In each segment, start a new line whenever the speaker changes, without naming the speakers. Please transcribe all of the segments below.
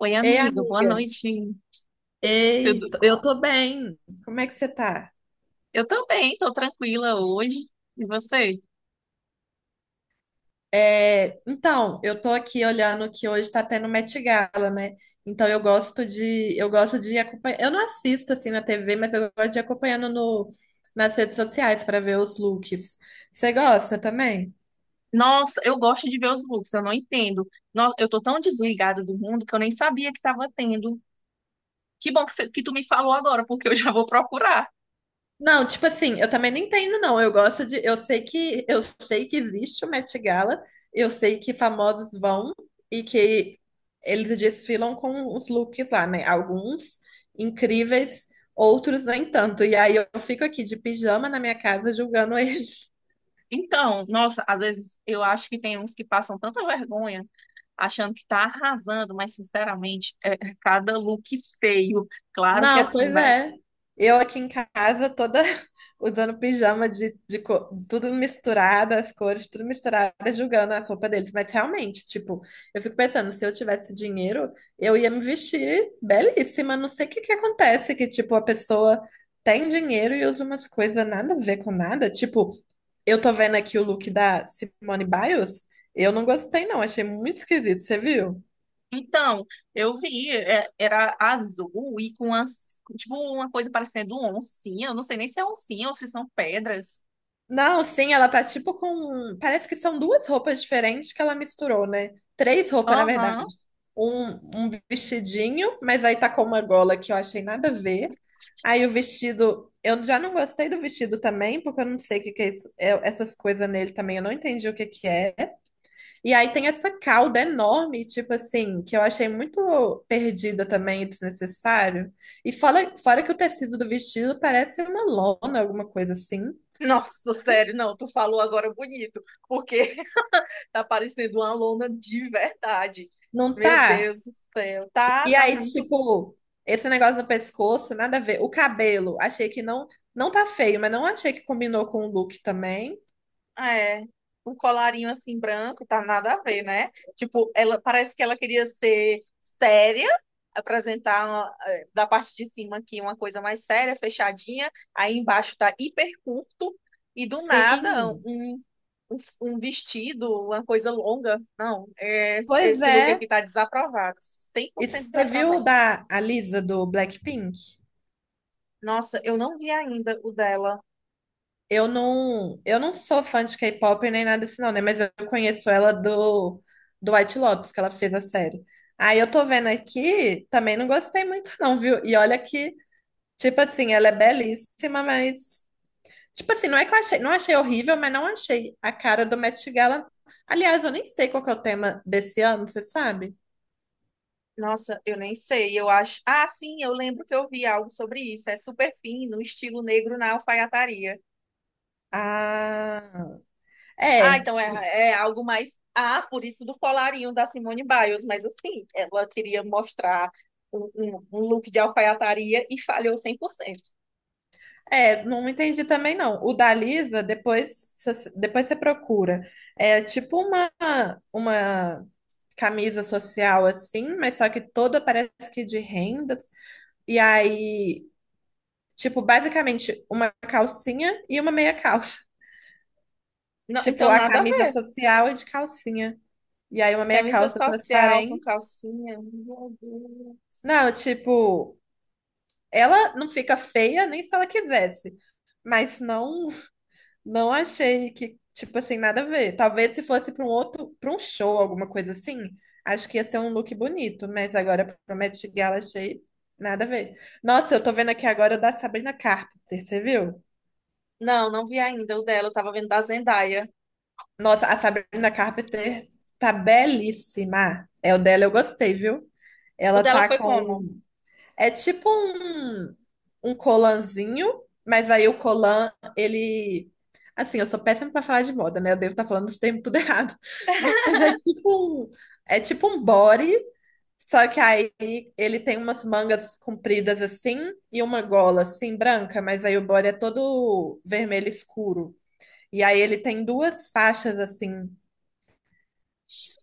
Oi,
Ei,
amiga, boa
amiga.
noite. Tudo bom?
Eu tô bem. Como é que você tá?
Eu também, tô tranquila hoje. E você?
Então, eu tô aqui olhando que hoje tá tendo Met Gala, né? Então eu gosto de acompanhar. Eu não assisto assim na TV, mas eu gosto de ir acompanhando no nas redes sociais para ver os looks. Você gosta também?
Nossa, eu gosto de ver os looks, eu não entendo. Eu tô tão desligada do mundo que eu nem sabia que tava tendo. Que bom que, que tu me falou agora, porque eu já vou procurar.
Não, tipo assim, eu também não entendo, não. Eu gosto de. Eu sei que existe o Met Gala, eu sei que famosos vão e que eles desfilam com os looks lá, né? Alguns incríveis, outros nem tanto. E aí eu fico aqui de pijama na minha casa julgando eles.
Então, nossa, às vezes eu acho que tem uns que passam tanta vergonha achando que tá arrasando, mas sinceramente, é cada look feio. Claro que é
Não,
assim,
pois
vai.
é. Eu aqui em casa toda usando pijama tudo misturado, as cores tudo misturado, julgando a roupas deles. Mas realmente, tipo, eu fico pensando, se eu tivesse dinheiro, eu ia me vestir belíssima. Não sei o que que acontece, que tipo, a pessoa tem dinheiro e usa umas coisas nada a ver com nada. Tipo, eu tô vendo aqui o look da Simone Biles, eu não gostei não, achei muito esquisito, você viu?
Então, eu vi, é, era azul e com tipo uma coisa parecendo oncinha. Eu não sei nem se é oncinha ou se são pedras.
Não, sim, ela tá tipo com. Parece que são duas roupas diferentes que ela misturou, né? Três roupas, na verdade.
Aham.
Um vestidinho, mas aí tá com uma gola que eu achei nada a ver. Aí o vestido. Eu já não gostei do vestido também, porque eu não sei o que que é isso. Essas coisas nele também, eu não entendi o que que é. E aí tem essa cauda enorme, tipo assim, que eu achei muito perdida também, e desnecessário. E fora que o tecido do vestido parece uma lona, alguma coisa assim.
Nossa, sério, não, tu falou agora bonito, porque tá parecendo uma lona de verdade.
Não
Meu
tá?
Deus do céu. Tá,
E
tá
aí,
muito.
tipo, esse negócio do pescoço, nada a ver. O cabelo, achei que não, não tá feio, mas não achei que combinou com o look também.
É, um colarinho assim branco, tá nada a ver, né? Tipo, ela parece que ela queria ser séria, apresentar uma, eh, da parte de cima aqui uma coisa mais séria, fechadinha, aí embaixo tá hiper curto, e do nada
Sim,
um, um, um vestido, uma coisa longa. Não, é,
pois
esse look
é.
aqui tá desaprovado, cem por
E
cento
você viu
desaprovado.
da a Lisa do Blackpink?
Nossa, eu não vi ainda o dela.
Eu não sou fã de K-pop nem nada assim, não, né? Mas eu conheço ela do White Lotus, que ela fez a série. Aí eu tô vendo aqui, também não gostei muito, não, viu? E olha que, tipo assim, ela é belíssima, mas tipo assim, não é que eu achei, não achei horrível, mas não achei a cara do Met Gala. Aliás, eu nem sei qual que é o tema desse ano, você sabe?
Nossa, eu nem sei. Eu acho. Ah, sim, eu lembro que eu vi algo sobre isso. É super fino, estilo negro na alfaiataria.
Ah,
Ah,
é,
então é, é algo mais. Ah, por isso do colarinho da Simone Biles. Mas assim, ela queria mostrar um look de alfaiataria e falhou 100%.
não entendi também não. O da Lisa, depois você procura. É uma camisa social assim, mas só que toda parece que de rendas. E aí, tipo, basicamente uma calcinha e uma meia calça.
Não,
Tipo,
então
a
nada a
camisa
ver.
social é de calcinha. E aí uma meia
Camisa
calça
social com
transparente.
calcinha. Meu Deus.
Não, tipo, ela não fica feia nem se ela quisesse. Mas não, não achei que, tipo assim, nada a ver. Talvez se fosse para um outro, para um show, alguma coisa assim, acho que ia ser um look bonito, mas agora pro Met Gala achei nada a ver. Nossa, eu tô vendo aqui agora o da Sabrina Carpenter, você viu?
Não, não vi ainda o dela. Eu tava vendo da Zendaya.
Nossa, a Sabrina Carpenter tá belíssima. É o dela, eu gostei, viu?
O
Ela
dela
tá
foi como?
com é um colanzinho, mas aí o colan, ele. Assim, eu sou péssima pra falar de moda, né? Eu devo estar falando os termos tudo errado. Mas é é tipo um body, só que aí ele tem umas mangas compridas assim e uma gola assim branca, mas aí o body é todo vermelho escuro. E aí ele tem duas faixas assim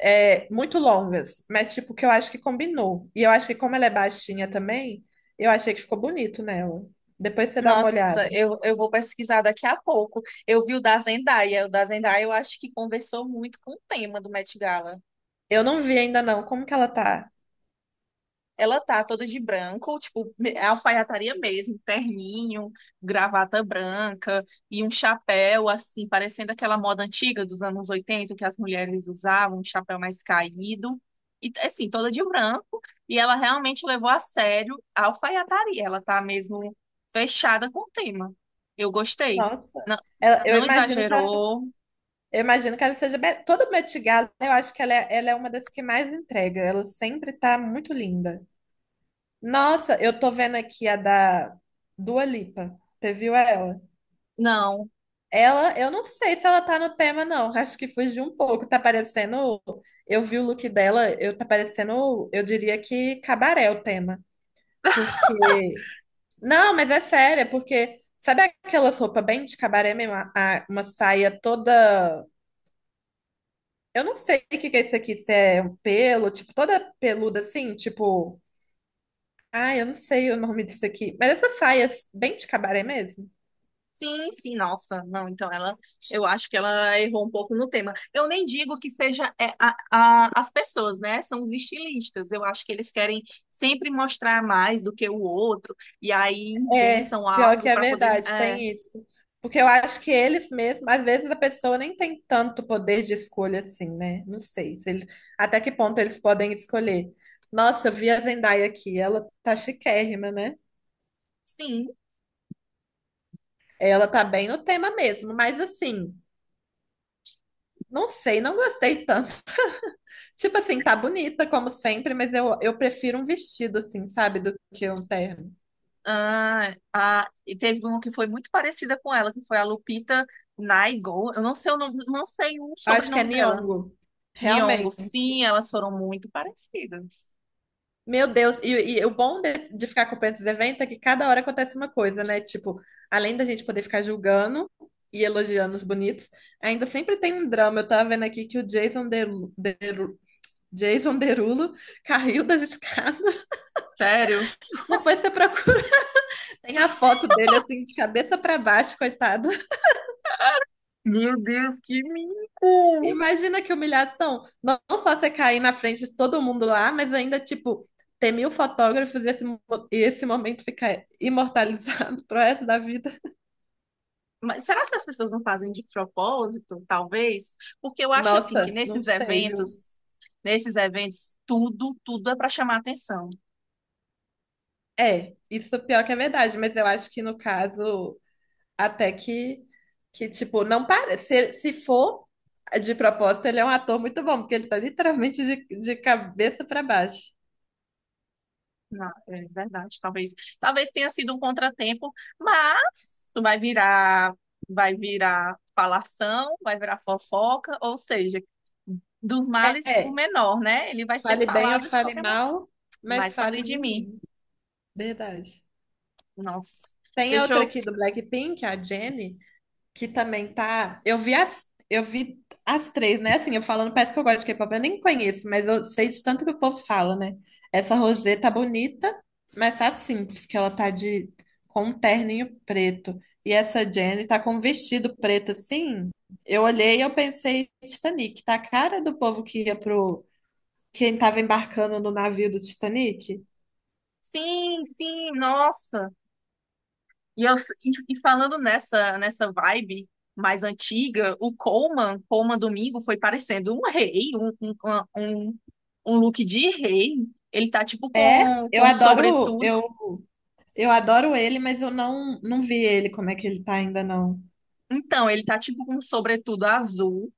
é, muito longas, mas tipo que eu acho que combinou. E eu acho que como ela é baixinha também, eu achei que ficou bonito nela. Depois você dá uma
Nossa,
olhada.
eu vou pesquisar daqui a pouco. Eu vi o da Zendaya. O da Zendaya eu acho que conversou muito com o tema do Met Gala.
Eu não vi ainda não, como que ela tá?
Ela tá toda de branco, tipo, é alfaiataria mesmo, terninho, gravata branca e um chapéu, assim, parecendo aquela moda antiga dos anos 80 que as mulheres usavam, um chapéu mais caído. E, assim, toda de branco. E ela realmente levou a sério a alfaiataria. Ela tá mesmo fechada com o tema. Eu gostei.
Nossa.
Não,
Ela- eu
não
imagino que ela,
exagerou,
eu imagino que ela toda Met Gala, eu acho que ela é uma das que mais entrega. Ela sempre tá muito linda. Nossa, eu tô vendo aqui a da Dua Lipa. Você viu ela?
não.
Ela, eu não sei se ela tá no tema, não. Acho que fugiu um pouco. Tá parecendo. Eu vi o look dela, eu tá parecendo, eu diria que cabaré o tema. Porque. Não, mas é sério, é porque. Sabe aquelas roupas bem de cabaré mesmo? Uma saia toda. Eu não sei o que que é isso aqui, se é um pelo, tipo, toda peluda assim, tipo. Ah, eu não sei o nome disso aqui. Mas essas saias bem de cabaré mesmo.
Sim, sim, nossa, não, então ela, eu acho que ela errou um pouco no tema. Eu nem digo que seja é, as pessoas, né? São os estilistas. Eu acho que eles querem sempre mostrar mais do que o outro, e aí
É,
inventam
pior que
algo
é
para poder.
verdade,
É,
tem isso. Porque eu acho que eles mesmos, às vezes a pessoa nem tem tanto poder de escolha assim, né? Não sei se ele- Até que ponto eles podem escolher. Nossa, eu vi a Zendaya aqui, ela tá chiquérrima, né?
sim,
Ela tá bem no tema mesmo, mas assim, não sei, não gostei tanto. Tipo assim, tá bonita como sempre, mas eu prefiro um vestido assim, sabe, do que um terno.
ah, e teve uma que foi muito parecida com ela, que foi a Lupita Nyong'o. Eu não sei o nome, não sei o
Eu acho que é
sobrenome dela.
Nyong'o,
Nyong'o,
realmente.
sim, elas foram muito parecidas.
Meu Deus, e, o bom de ficar acompanhando esses eventos é que cada hora acontece uma coisa, né? Tipo, além da gente poder ficar julgando e elogiando os bonitos, ainda sempre tem um drama. Eu tava vendo aqui que o Jason Derulo caiu das escadas.
Sério?
Depois você procura, tem a foto dele assim, de cabeça pra baixo, coitado.
Meu Deus, que mico!
Imagina que humilhação. Não não só você cair na frente de todo mundo lá, mas ainda, tipo, ter 1000 fotógrafos e e esse momento ficar imortalizado pro resto da vida.
Mas será que as pessoas não fazem de propósito, talvez? Porque eu acho assim que
Nossa, não sei, viu?
nesses eventos, tudo é para chamar atenção.
É, isso pior que é verdade, mas eu acho que no caso, até que, que tipo, não parece. Se for de propósito, ele é um ator muito bom, porque ele tá literalmente de cabeça pra baixo.
É verdade, talvez, talvez tenha sido um contratempo, mas isso vai virar falação, vai virar fofoca, ou seja, dos males o
É,
menor, né? Ele vai ser
fale bem ou
falado de
fale
qualquer maneira.
mal, mas
Mas falei
fale
de
de
mim.
mim. Verdade.
Nossa,
Tem a outra
deixou.
aqui do Blackpink, a Jennie, que também tá. Eu vi as três, né? Assim, eu falando, parece que eu gosto de K-pop, eu nem conheço, mas eu sei de tanto que o povo fala, né? Essa Rosé tá bonita, mas tá simples, que ela tá de com um terninho preto. E essa Jennie tá com um vestido preto assim. Eu olhei e eu pensei, Titanic, tá a cara do povo que ia pro quem tava embarcando no navio do Titanic.
Sim, sim, nossa. E falando nessa vibe mais antiga, o Coleman Domingo, foi parecendo um rei, um, um look de rei. Ele tá tipo
É, eu
com
adoro,
sobretudo.
eu adoro ele, mas eu não vi ele como é que ele tá ainda não.
Então, ele tá tipo com um sobretudo azul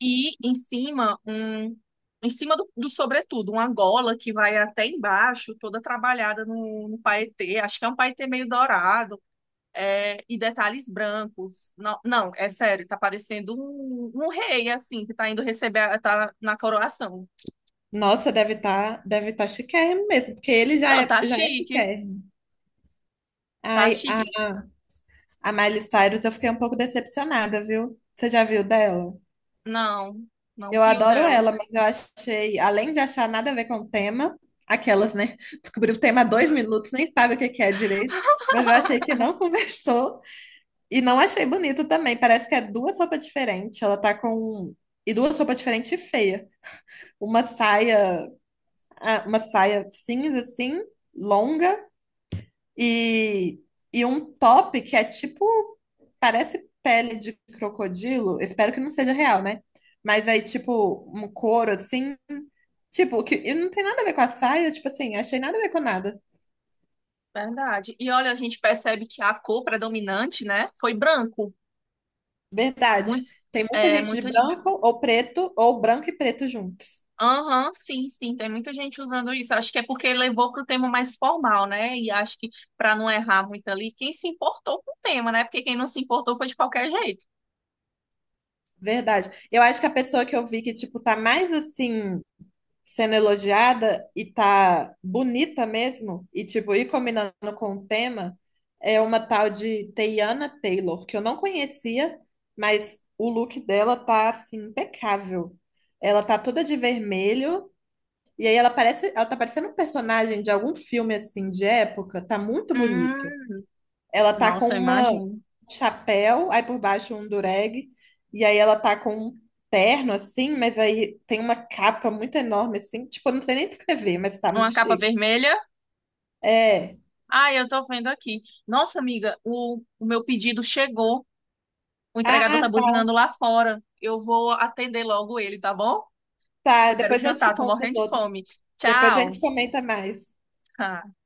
e em cima um. Em cima do, do sobretudo, uma gola que vai até embaixo, toda trabalhada no, no paetê. Acho que é um paetê meio dourado, é, e detalhes brancos. Não, não, é sério, tá parecendo um, um rei, assim, que tá indo receber, tá na coroação.
Nossa, deve estar, deve tá chiquérrimo mesmo, porque
Não, tá
já é
chique,
chiquérrimo.
tá
Ai, a,
chique.
a Miley Cyrus eu fiquei um pouco decepcionada, viu? Você já viu dela?
Não, não
Eu
viu
adoro
dela.
ela, mas eu achei, além de achar nada a ver com o tema, aquelas, né? Descobriu o tema há 2 minutos, nem sabe o que que é direito, mas eu achei que não conversou e não achei bonito também. Parece que é duas roupas diferentes. Ela tá com. um, E duas roupas diferentes e feia. Uma saia, uma saia cinza, assim, longa. E, e um top que é tipo, parece pele de crocodilo. Espero que não seja real, né? Mas aí, tipo, um couro assim. Tipo, que e não tem nada a ver com a saia, tipo assim, achei nada a ver com nada.
Verdade. E olha, a gente percebe que a cor predominante, né, foi branco.
Verdade.
Muito,
Tem muita
é,
gente de
muita gente.
branco ou preto, ou branco e preto juntos.
Aham, sim, sim, tem muita gente usando isso. Acho que é porque levou para o tema mais formal, né? E acho que para não errar muito ali, quem se importou com o tema, né? Porque quem não se importou foi de qualquer jeito.
Verdade. Eu acho que a pessoa que eu vi que, tipo, tá mais assim, sendo elogiada e tá bonita mesmo, e tipo, ir combinando com o tema, é uma tal de Teyana Taylor, que eu não conhecia, mas o look dela tá assim impecável. Ela tá toda de vermelho, e aí ela parece, ela tá parecendo um personagem de algum filme assim de época, tá muito bonito.
Hum,
Ela tá com
nossa,
uma
imagino.
um chapéu, aí por baixo um dureg, e aí ela tá com um terno assim, mas aí tem uma capa muito enorme assim, tipo, eu não sei nem descrever, mas tá
Uma
muito
capa
chique.
vermelha.
É.
Ah, eu tô vendo aqui. Nossa, amiga, o meu pedido chegou. O entregador tá
Ah, tá,
buzinando lá fora. Eu vou atender logo ele, tá bom?
tá.
Eu quero
Depois eu
jantar,
te
tô
conto
morrendo
os
de
outros.
fome.
Depois a
Tchau.
gente comenta mais.
Ah.